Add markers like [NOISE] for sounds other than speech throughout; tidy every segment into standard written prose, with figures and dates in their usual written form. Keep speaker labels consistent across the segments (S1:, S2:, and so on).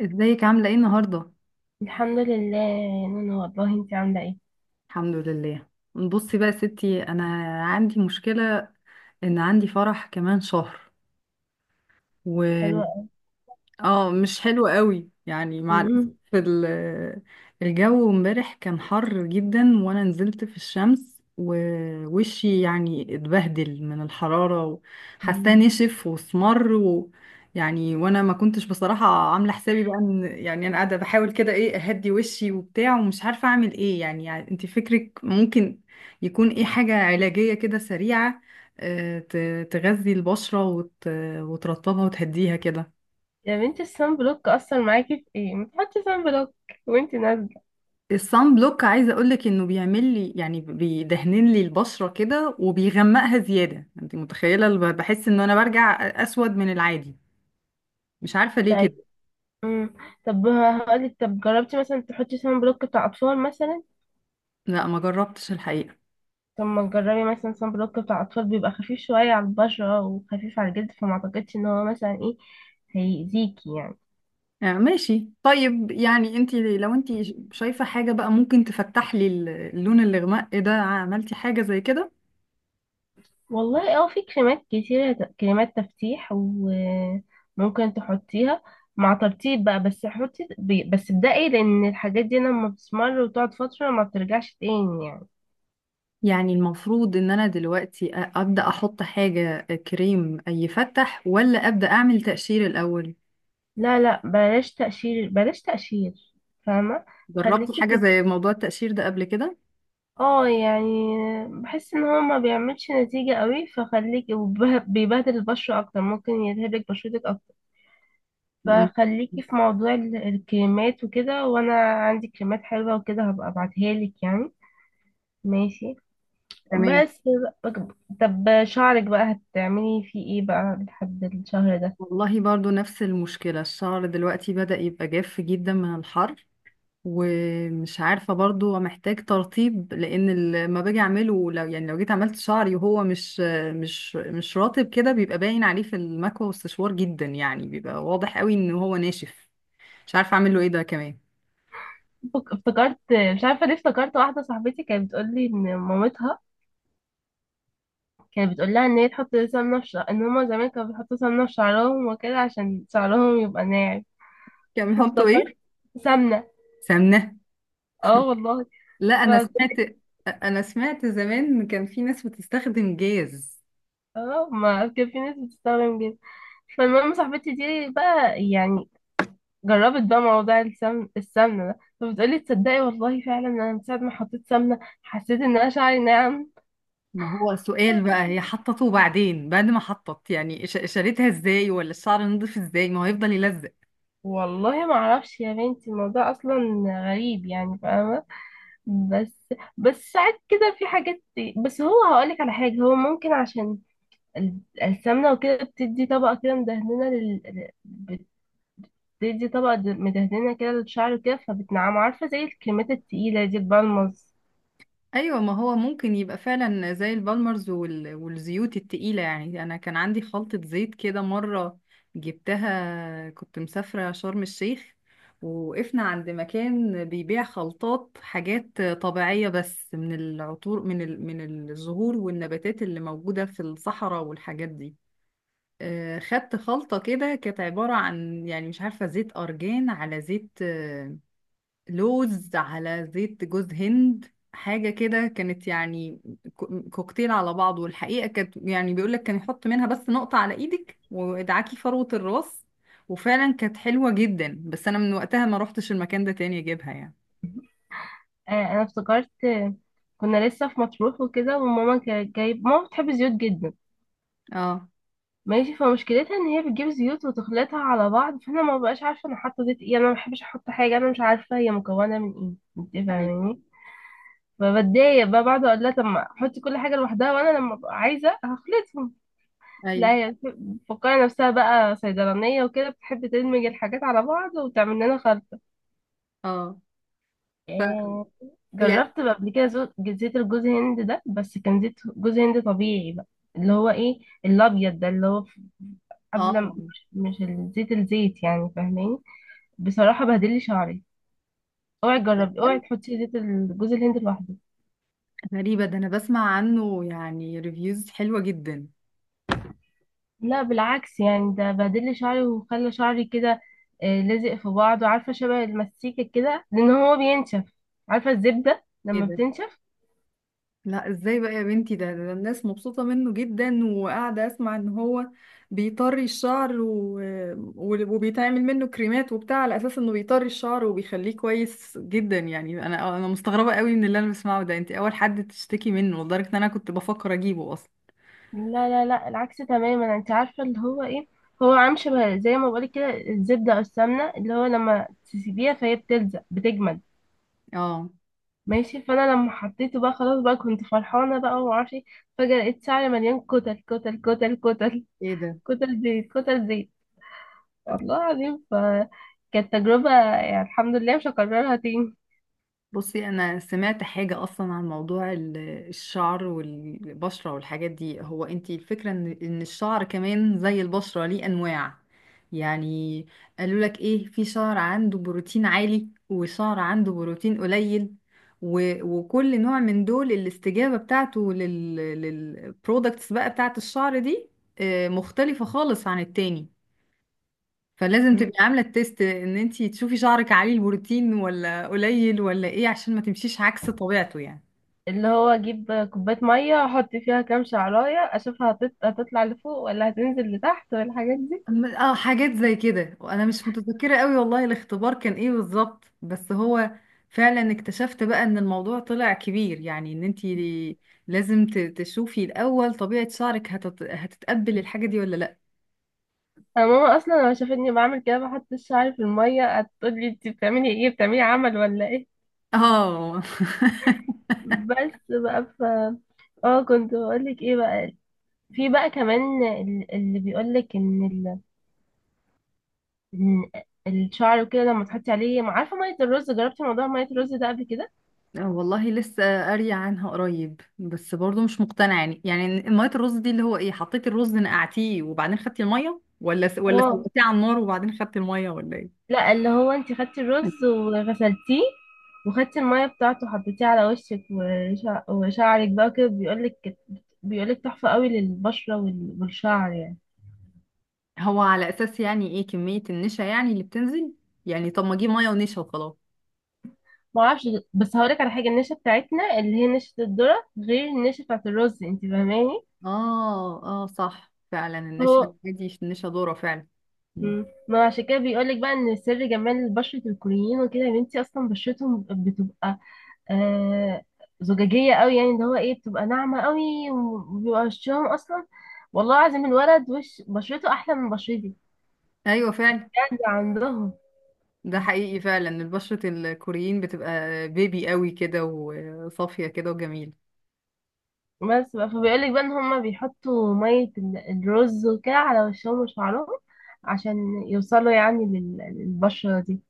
S1: ازيك عاملة ايه النهاردة؟
S2: الحمد لله يا نونو، والله انت عامله ايه؟
S1: الحمد لله. بصي بقى يا ستي، انا عندي مشكلة ان عندي فرح كمان شهر.
S2: حلوه قوي.
S1: اه، مش حلو قوي يعني مع الأسف.
S2: مم.
S1: ال- الجو امبارح كان حر جدا وانا نزلت في الشمس، ووشي يعني اتبهدل من الحرارة وحاساه
S2: مم.
S1: نشف واسمر. و يعني وانا ما كنتش بصراحة عاملة حسابي بقى ان يعني انا قاعدة بحاول كده، ايه، اهدي وشي وبتاع ومش عارفة اعمل ايه يعني, يعني انت فكرك ممكن يكون ايه حاجة علاجية كده سريعة، تغذي البشرة وترطبها وتهديها كده.
S2: يا بنتي الصن بلوك اثر معاكي في ايه؟ ما تحطي صن بلوك وانت نازله.
S1: الصن بلوك عايزه اقولك انه بيعمل لي يعني بيدهنن لي البشره كده وبيغمقها زياده. انت متخيله، بحس ان انا برجع اسود من العادي. مش عارفه ليه
S2: طيب.
S1: كده.
S2: مم. طب هقولك، طب جربتي مثلا تحطي صن بلوك بتاع اطفال مثلا؟
S1: لا ما جربتش الحقيقه.
S2: طب ما تجربي مثلا صن بلوك بتاع اطفال، بيبقى خفيف شويه على البشره وخفيف على الجلد، فما اعتقدش ان هو مثلا ايه هيأذيكي يعني.
S1: آه ماشي، طيب يعني انت لو انت شايفه حاجه بقى ممكن تفتح لي اللون الاغماء ده، عملتي حاجه زي كده؟
S2: والله اه، في كريمات كتيرة، كريمات تفتيح وممكن تحطيها مع ترطيب بقى، بس حطي بس ابدأي، لأن الحاجات دي لما بتسمر وتقعد فترة ما بترجعش تاني يعني.
S1: يعني المفروض ان انا دلوقتي ابدا احط حاجه، كريم يفتح، ولا ابدا اعمل تقشير الاول؟
S2: لا لا، بلاش تقشير بلاش تقشير. فاهمة؟
S1: جربتي
S2: خليكي
S1: حاجه
S2: في،
S1: زي موضوع التقشير ده قبل كده؟
S2: اه يعني بحس ان هو ما بيعملش نتيجة قوي، فخليكي، وبيبهدل البشرة اكتر ممكن يلهبك بشرتك اكتر.
S1: م-
S2: فخليكي في موضوع الكريمات وكده، وانا عندي كريمات حلوة وكده هبقى ابعتها لك يعني. ماشي.
S1: تمام.
S2: بس بقى- طب شعرك بقى هتعملي فيه ايه بقى لحد الشهر ده؟
S1: والله برضو نفس المشكلة، الشعر دلوقتي بدأ يبقى جاف جدا من الحر. ومش عارفة برضو محتاج ترطيب، لأن لما باجي أعمله، لو يعني لو جيت عملت شعري وهو مش مش مش رطب كده، بيبقى باين عليه في المكوى والسشوار جدا. يعني بيبقى واضح قوي إن هو ناشف. مش عارفة أعمل له إيه ده كمان.
S2: افتكرت، مش عارفه ليه افتكرت، واحده صاحبتي كانت بتقول لي ان مامتها كانت بتقول لها ان هي تحط سمنه في شعر، ان هما زمان كانوا بيحطوا سمنه في شعرهم وكده عشان شعرهم يبقى ناعم.
S1: كان بيحطوا
S2: فافتكرت.
S1: إيه؟
S2: سمنه.
S1: سمنة؟
S2: اه والله.
S1: لا
S2: ف...
S1: أنا سمعت، أنا سمعت زمان كان في ناس بتستخدم جاز.
S2: اه ما كان في ناس بتستخدم جدا. فالمهم صاحبتي دي بقى يعني جربت بقى موضوع السمن السمنة ده، فبتقولي تصدقي والله فعلا انا من ساعة ما حطيت سمنة حسيت ان انا شعري ناعم.
S1: ما هو السؤال بقى، هي حطته بعدين، بعد ما حطت يعني، شالتها ازاي ولا الشعر نضيف ازاي؟ ما هو هيفضل يلزق.
S2: والله ما اعرفش يا بنتي، الموضوع اصلا غريب يعني، فاهمة؟ بس بس ساعات كده في حاجات. بس هو هقولك على حاجة، هو ممكن عشان السمنة وكده بتدي طبقة كده مدهنة لل، بتدي طبقة مدهنة كده للشعر وكده، فبتنعم، عارفة زي الكريمات التقيلة دي البالمز.
S1: ايوه، ما هو ممكن يبقى فعلا زي البالمرز وال... والزيوت التقيلة. يعني انا كان عندي خلطة زيت كده مرة، جبتها كنت مسافرة شرم الشيخ، ووقفنا عند مكان بيبيع خلطات حاجات طبيعية بس، من العطور، من ال... من الزهور والنباتات اللي موجودة في الصحراء والحاجات دي. خدت خلطة كده، كانت عبارة عن يعني مش عارفة، زيت أرجان على زيت لوز على زيت جوز هند، حاجة كده كانت يعني كوكتيل على بعضه. والحقيقة كانت يعني بيقولك كان يحط منها بس نقطة على إيدك وادعاكي فروة الراس. وفعلا كانت حلوة جدا، بس أنا من وقتها ما روحتش المكان ده تاني أجيبها يعني.
S2: انا افتكرت، كنا لسه في مطروح وكده، وماما كانت جايب، ماما بتحب الزيوت جدا.
S1: اه.
S2: ماشي، فمشكلتها ان هي بتجيب زيوت وتخلطها على بعض، فانا ما بقاش عارفه انا حاطه زيت ايه، يعني انا ما بحبش احط حاجه انا مش عارفه هي مكونه من ايه، انت
S1: ايوه
S2: فاهماني؟ فبتضايق بقى بعد، اقول لها طب ما حطي كل حاجه لوحدها وانا لما ابقى عايزه هخلطهم. لا
S1: ايوه.
S2: هي بتفكر نفسها بقى صيدلانيه وكده، بتحب تدمج الحاجات على بعض وتعمل لنا خلط.
S1: اه. ف
S2: آه،
S1: يعني
S2: جربت بقى قبل كده زيت الجوز هند ده، بس كان زيت جوز هند طبيعي بقى. اللي هو ايه، الابيض ده اللي هو
S1: اه
S2: مش الزيت، الزيت يعني، فاهماني؟ بصراحة بهدل لي شعري. اوعي تجربي، اوعي تحطي زيت الجوز الهند لوحده.
S1: غريبة ده، أنا بسمع عنه يعني ريفيوز حلوة جدا.
S2: لا، بالعكس يعني، ده بهدل لي شعري وخلى شعري كده، لازق في بعضه، عارفة شبه المسيكة كده لان هو بينشف، عارفة الزبدة
S1: ايه
S2: لما
S1: ده؟
S2: بتنشف.
S1: لا ازاي بقى يا بنتي ده, ده الناس مبسوطة منه جدا وقاعدة اسمع ان هو بيطري الشعر و... وبيتعمل منه كريمات وبتاع على اساس انه بيطري الشعر وبيخليه كويس جدا. يعني انا مستغربة قوي من اللي انا بسمعه ده، انت اول حد تشتكي منه لدرجة ان انا كنت بفكر اجيبه اصلا.
S2: لا لا لا، العكس تماما. انت عارفه اللي هو ايه، هو عامل شبه زي ما بقولك كده الزبده او السمنه، اللي هو لما تسيبيها فهي بتلزق، بتجمد.
S1: اه.
S2: ماشي. فانا لما حطيته بقى خلاص، بقى كنت فرحانه بقى ومعرفش ايه، فجاه لقيت شعري مليان كتل كتل كتل كتل،
S1: ايه ده؟
S2: كتل زيت كتل زيت، والله العظيم. فكانت تجربه يعني، الحمد لله مش هكررها تاني.
S1: بصي انا سمعت حاجه اصلا عن موضوع الشعر والبشره والحاجات دي، هو انتي الفكره ان ان الشعر كمان زي البشره ليه انواع. يعني قالوا لك ايه، في شعر عنده بروتين عالي وشعر عنده بروتين قليل. وكل نوع من دول الاستجابه بتاعته لل للبرودكتس بقى بتاعت الشعر دي، مختلفه خالص عن التاني. فلازم
S2: م.
S1: تبقي عامله التيست ان انتي تشوفي شعرك عالي البروتين ولا قليل ولا ايه، عشان ما تمشيش عكس طبيعته يعني.
S2: اللي هو اجيب كوبايه ميه احط فيها كام شعرايه اشوفها هتطلع لفوق ولا هتنزل لتحت والحاجات دي.
S1: اه، حاجات زي كده، وانا مش متذكره قوي والله الاختبار كان ايه بالظبط. بس هو فعلا اكتشفت بقى ان الموضوع طلع كبير، يعني ان انتي لازم تشوفي الاول طبيعه شعرك هتت... هتتقبل الحاجه دي ولا لا.
S2: أنا ماما اصلا لما شافتني بعمل كده بحط شعري في الميه هتقولي انت بتعملي ايه، بتعملي عمل ولا ايه.
S1: اه [LAUGHS]
S2: بس بقى، ف اه كنت بقولك ايه بقى. في بقى كمان اللي بيقولك ان ال، إن الشعر وكده لما تحطي عليه ما عارفه ميه الرز، جربتي موضوع ميه الرز ده قبل كده؟
S1: والله لسه قارية عنها قريب، بس برضو مش مقتنعة. يعني يعني مية الرز دي اللي هو ايه، حطيتي الرز نقعتيه وبعدين خدتي المية، ولا س... ولا
S2: اه.
S1: سويتيه على النار وبعدين خدتي المية ولا ايه؟
S2: لا، اللي هو انت خدتي الرز وغسلتيه وخدتي الميه بتاعته وحطيتيه على وشك وشعرك بقى كده، بيقولك بيقولك تحفه قوي للبشره والشعر يعني.
S1: هو على اساس يعني ايه، كمية النشا يعني اللي بتنزل؟ يعني طب ما اجيب مية ونشا وخلاص.
S2: ما اعرفش، بس هقولك على حاجه، النشا بتاعتنا اللي هي نشا الذره غير النشا بتاعت الرز، انت فاهماني؟
S1: اه اه، صح فعلا، النشا
S2: هو
S1: دي النشا ضارة فعلا. مم.
S2: مم. ما عشان كده بيقولك بقى ان سر جمال بشره الكوريين وكده، يا بنتي اصلا بشرتهم بتبقى آه زجاجيه قوي يعني، اللي هو ايه، بتبقى ناعمه قوي، وبيبقى وشهم اصلا، والله العظيم الولد وش بشرته احلى من بشرتي،
S1: ايوه فعلا.
S2: بجد عندهم.
S1: ده حقيقي فعلا، البشرة الكوريين بتبقى بيبي قوي كده وصافية كده وجميلة.
S2: بس بقى، فبيقولك بقى ان هما بيحطوا مية الرز وكده على وشهم وشعرهم عشان يوصلوا يعني للبشرة دي.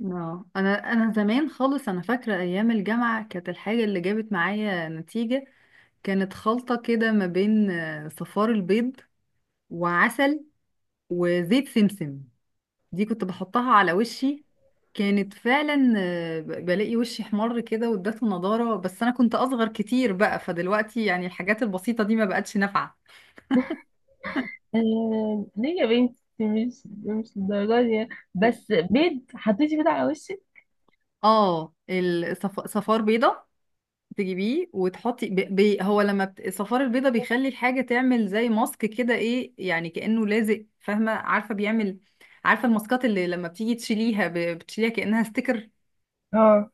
S1: اه، انا زمان خالص، انا فاكره ايام الجامعه كانت الحاجه اللي جابت معايا نتيجه كانت خلطه كده ما بين صفار البيض وعسل وزيت سمسم. دي كنت بحطها على وشي. كانت فعلا بلاقي وشي حمر كده وادته نضاره. بس انا كنت اصغر كتير بقى، فدلوقتي يعني الحاجات البسيطه دي ما بقتش نافعه.
S2: ليه يا بنتي؟ مش للدرجة دي يعني. بس، بيض؟ حطيتي بيض على وشك؟
S1: اه، صفار بيضه تجيبيه وتحطي ب... ب... هو لما بت... الصفار البيضة بيخلي الحاجة تعمل زي ماسك كده، ايه يعني، كأنه لازق، فاهمة، عارفة بيعمل. عارفة الماسكات اللي لما بتيجي تشيليها ب... بتشيليها كأنها ستيكر.
S2: اه.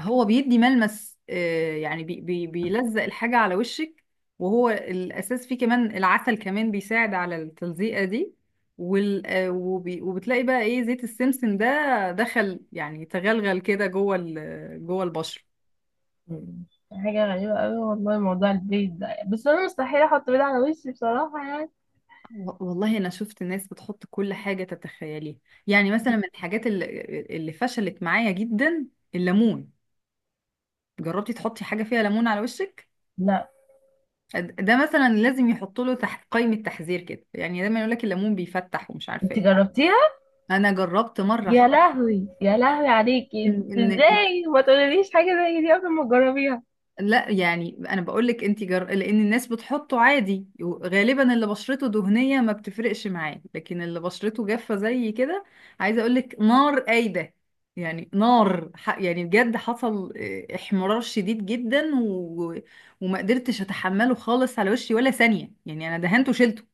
S1: هو بيدي ملمس آه يعني بي... بي... بيلزق الحاجة على وشك. وهو الأساس فيه كمان العسل، كمان بيساعد على التلزيقة دي. وال... آه وبي... وبتلاقي بقى ايه، زيت السمسم ده دخل يعني تغلغل كده جوه ال... جوه البشرة.
S2: مم. حاجة غريبة أوي والله موضوع البيض ده، بس أنا مستحيل أحط بيض على وشي بصراحة يعني.
S1: والله انا شفت ناس بتحط كل حاجه تتخيليها. يعني مثلا من الحاجات اللي, اللي فشلت معايا جدا الليمون. جربتي تحطي حاجه فيها ليمون على وشك؟
S2: لا،
S1: ده مثلا لازم يحط له تحت قائمه تحذير كده، يعني دايما يقول لك الليمون بيفتح ومش عارفه
S2: أنت
S1: ايه.
S2: جربتيها؟
S1: انا جربت مره
S2: يا
S1: احط.
S2: لهوي يا لهوي عليكي، انت
S1: ان إن
S2: إزاي ما تقوليليش حاجة زي دي قبل ما تجربيها؟
S1: لا يعني انا بقول لك انت جر... لان الناس بتحطه عادي، غالبا اللي بشرته دهنيه ما بتفرقش معاه، لكن اللي بشرته جافه زي كده، عايزه اقول لك نار قايده. يعني نار ح... يعني بجد حصل احمرار شديد جدا و... وما قدرتش اتحمله خالص على وشي ولا ثانيه، يعني انا دهنته وشلته.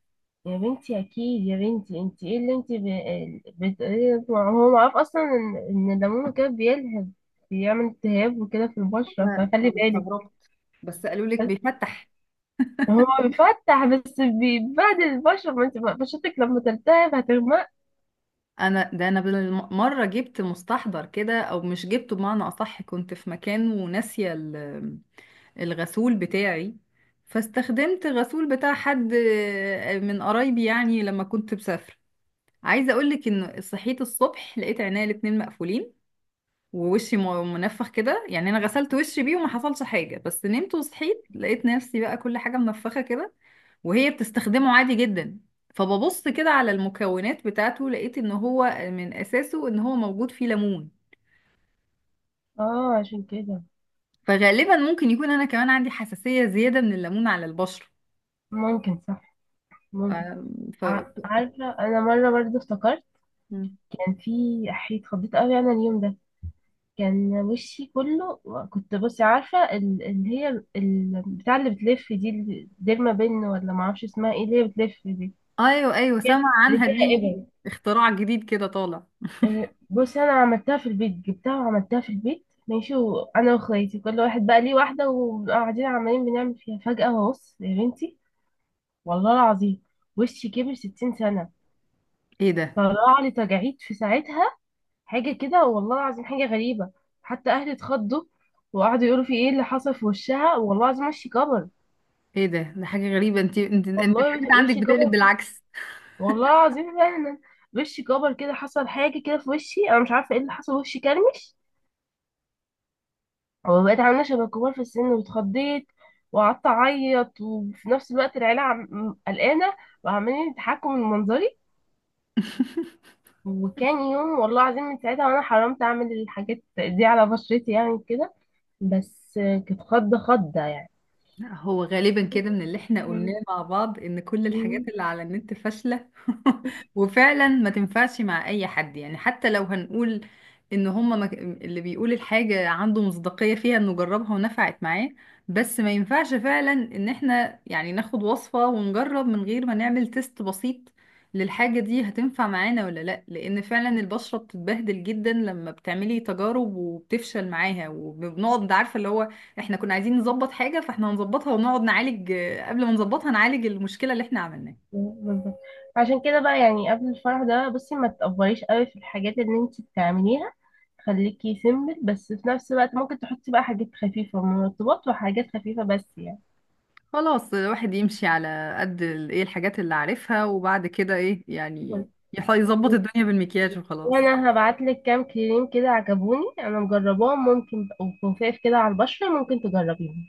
S2: يا بنتي اكيد يا بنتي، انت ايه اللي انت بتقولي ده؟ هو معروف اصلا ان إن الليمون كده بيلهب، بيعمل التهاب وكده في البشرة،
S1: انا
S2: فخلي
S1: أنا
S2: بالك.
S1: استغربت، بس قالوا لك
S2: بس
S1: بيفتح.
S2: هو بيفتح، بس بيبهدل البشرة، ما انت بقى، بشرتك لما تلتهب هتغمق.
S1: انا ده انا بالمره جبت مستحضر كده، او مش جبته بمعنى اصح، كنت في مكان وناسيه الغسول بتاعي، فاستخدمت الغسول بتاع حد من قرايبي يعني لما كنت مسافرة. عايزة اقولك ان صحيت الصبح لقيت عينيا الاتنين مقفولين، ووشي منفخ كده. يعني انا غسلت وشي بيه وما حصلش حاجة، بس نمت وصحيت لقيت نفسي بقى كل حاجة منفخة كده، وهي بتستخدمه عادي جدا. فببص كده على المكونات بتاعته، لقيت ان هو من اساسه ان هو موجود فيه ليمون.
S2: اه عشان كده.
S1: فغالبا ممكن يكون انا كمان عندي حساسية زيادة من الليمون على البشرة.
S2: ممكن، صح. ممكن.
S1: ف...
S2: عارفة انا مرة برضه افتكرت،
S1: ف...
S2: كان في حيط خضيت قوي انا اليوم ده، كان وشي كله، كنت بصي عارفة اللي هي بتاع اللي بتلف دي، اللي ديرما بن ولا معرفش اسمها ايه، اللي هي بتلف دي،
S1: ايوه ايوه، سمع
S2: اللي
S1: عنها
S2: فيها
S1: دي،
S2: ابر.
S1: اختراع جديد كده طالع.
S2: بصي، انا عملتها في البيت، جبتها وعملتها في البيت ماشي، وانا واخواتي كل واحد بقى ليه واحدة وقاعدين عمالين بنعمل فيها، فجأة بص يا بنتي، والله العظيم وشي كبر 60 سنة.
S1: ايه ده؟
S2: طلع لي تجاعيد في ساعتها. حاجة كده، والله العظيم حاجة غريبة. حتى أهلي اتخضوا وقعدوا يقولوا في ايه اللي حصل في وشها، والله العظيم وشي كبر.
S1: ايه ده؟ ده حاجه غريبه، انت
S2: والله
S1: الحاجات عندك
S2: وشي
S1: بتقلب
S2: كبر،
S1: بالعكس.
S2: والله العظيم فعلا وشي كبر كده، حصل حاجة كده في وشي أنا مش عارفة ايه اللي حصل، وشي كرمش، وبقيت عاملة شبه الكبار في السن، واتخضيت وقعدت أعيط، وفي نفس الوقت العيلة قلقانة وعمالين يضحكوا من منظري.
S1: [LAUGHS]
S2: وكان يوم والله العظيم من ساعتها، وأنا حرمت أعمل الحاجات دي على بشرتي يعني كده. بس، كانت خضة خضة يعني.
S1: هو غالبا كده من اللي احنا قلناه
S2: مم.
S1: مع بعض، ان كل الحاجات
S2: مم.
S1: اللي على النت فاشلة. [LAUGHS] وفعلا ما تنفعش مع اي حد. يعني حتى لو هنقول ان هما ما... اللي بيقول الحاجة عنده مصداقية فيها انه جربها ونفعت معاه، بس ما ينفعش فعلا ان احنا يعني ناخد وصفة ونجرب من غير ما نعمل تيست بسيط للحاجة دي هتنفع معانا ولا لا. لان فعلا البشرة بتتبهدل جدا لما بتعملي تجارب وبتفشل معاها، وبنقعد عارفة اللي هو احنا كنا عايزين نظبط حاجة، فاحنا هنظبطها ونقعد نعالج، قبل ما نظبطها نعالج المشكلة اللي احنا عملناها.
S2: بالظبط، عشان كده بقى يعني قبل الفرح ده، بصي ما تأفوريش قوي في الحاجات اللي انت بتعمليها، خليكي سيمبل، بس في نفس الوقت ممكن تحطي بقى حاجات خفيفة، مرطبات وحاجات خفيفة بس يعني.
S1: خلاص، الواحد يمشي على قد ايه، الحاجات اللي عارفها، وبعد كده ايه يعني،
S2: بس.
S1: يظبط الدنيا بالمكياج وخلاص.
S2: وانا هبعت لك كام كريم كده عجبوني، انا مجرباهم، ممكن، وخفاف كده على البشرة، ممكن تجربيهم.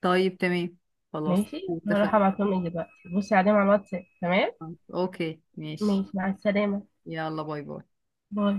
S1: طيب تمام، خلاص
S2: ماشي، هروح
S1: اتفقنا.
S2: ابعتهم لك دلوقتي، بصي عليهم على الواتساب. تمام.
S1: اوكي ماشي.
S2: ماشي، مع السلامة.
S1: يلا باي باي.
S2: باي.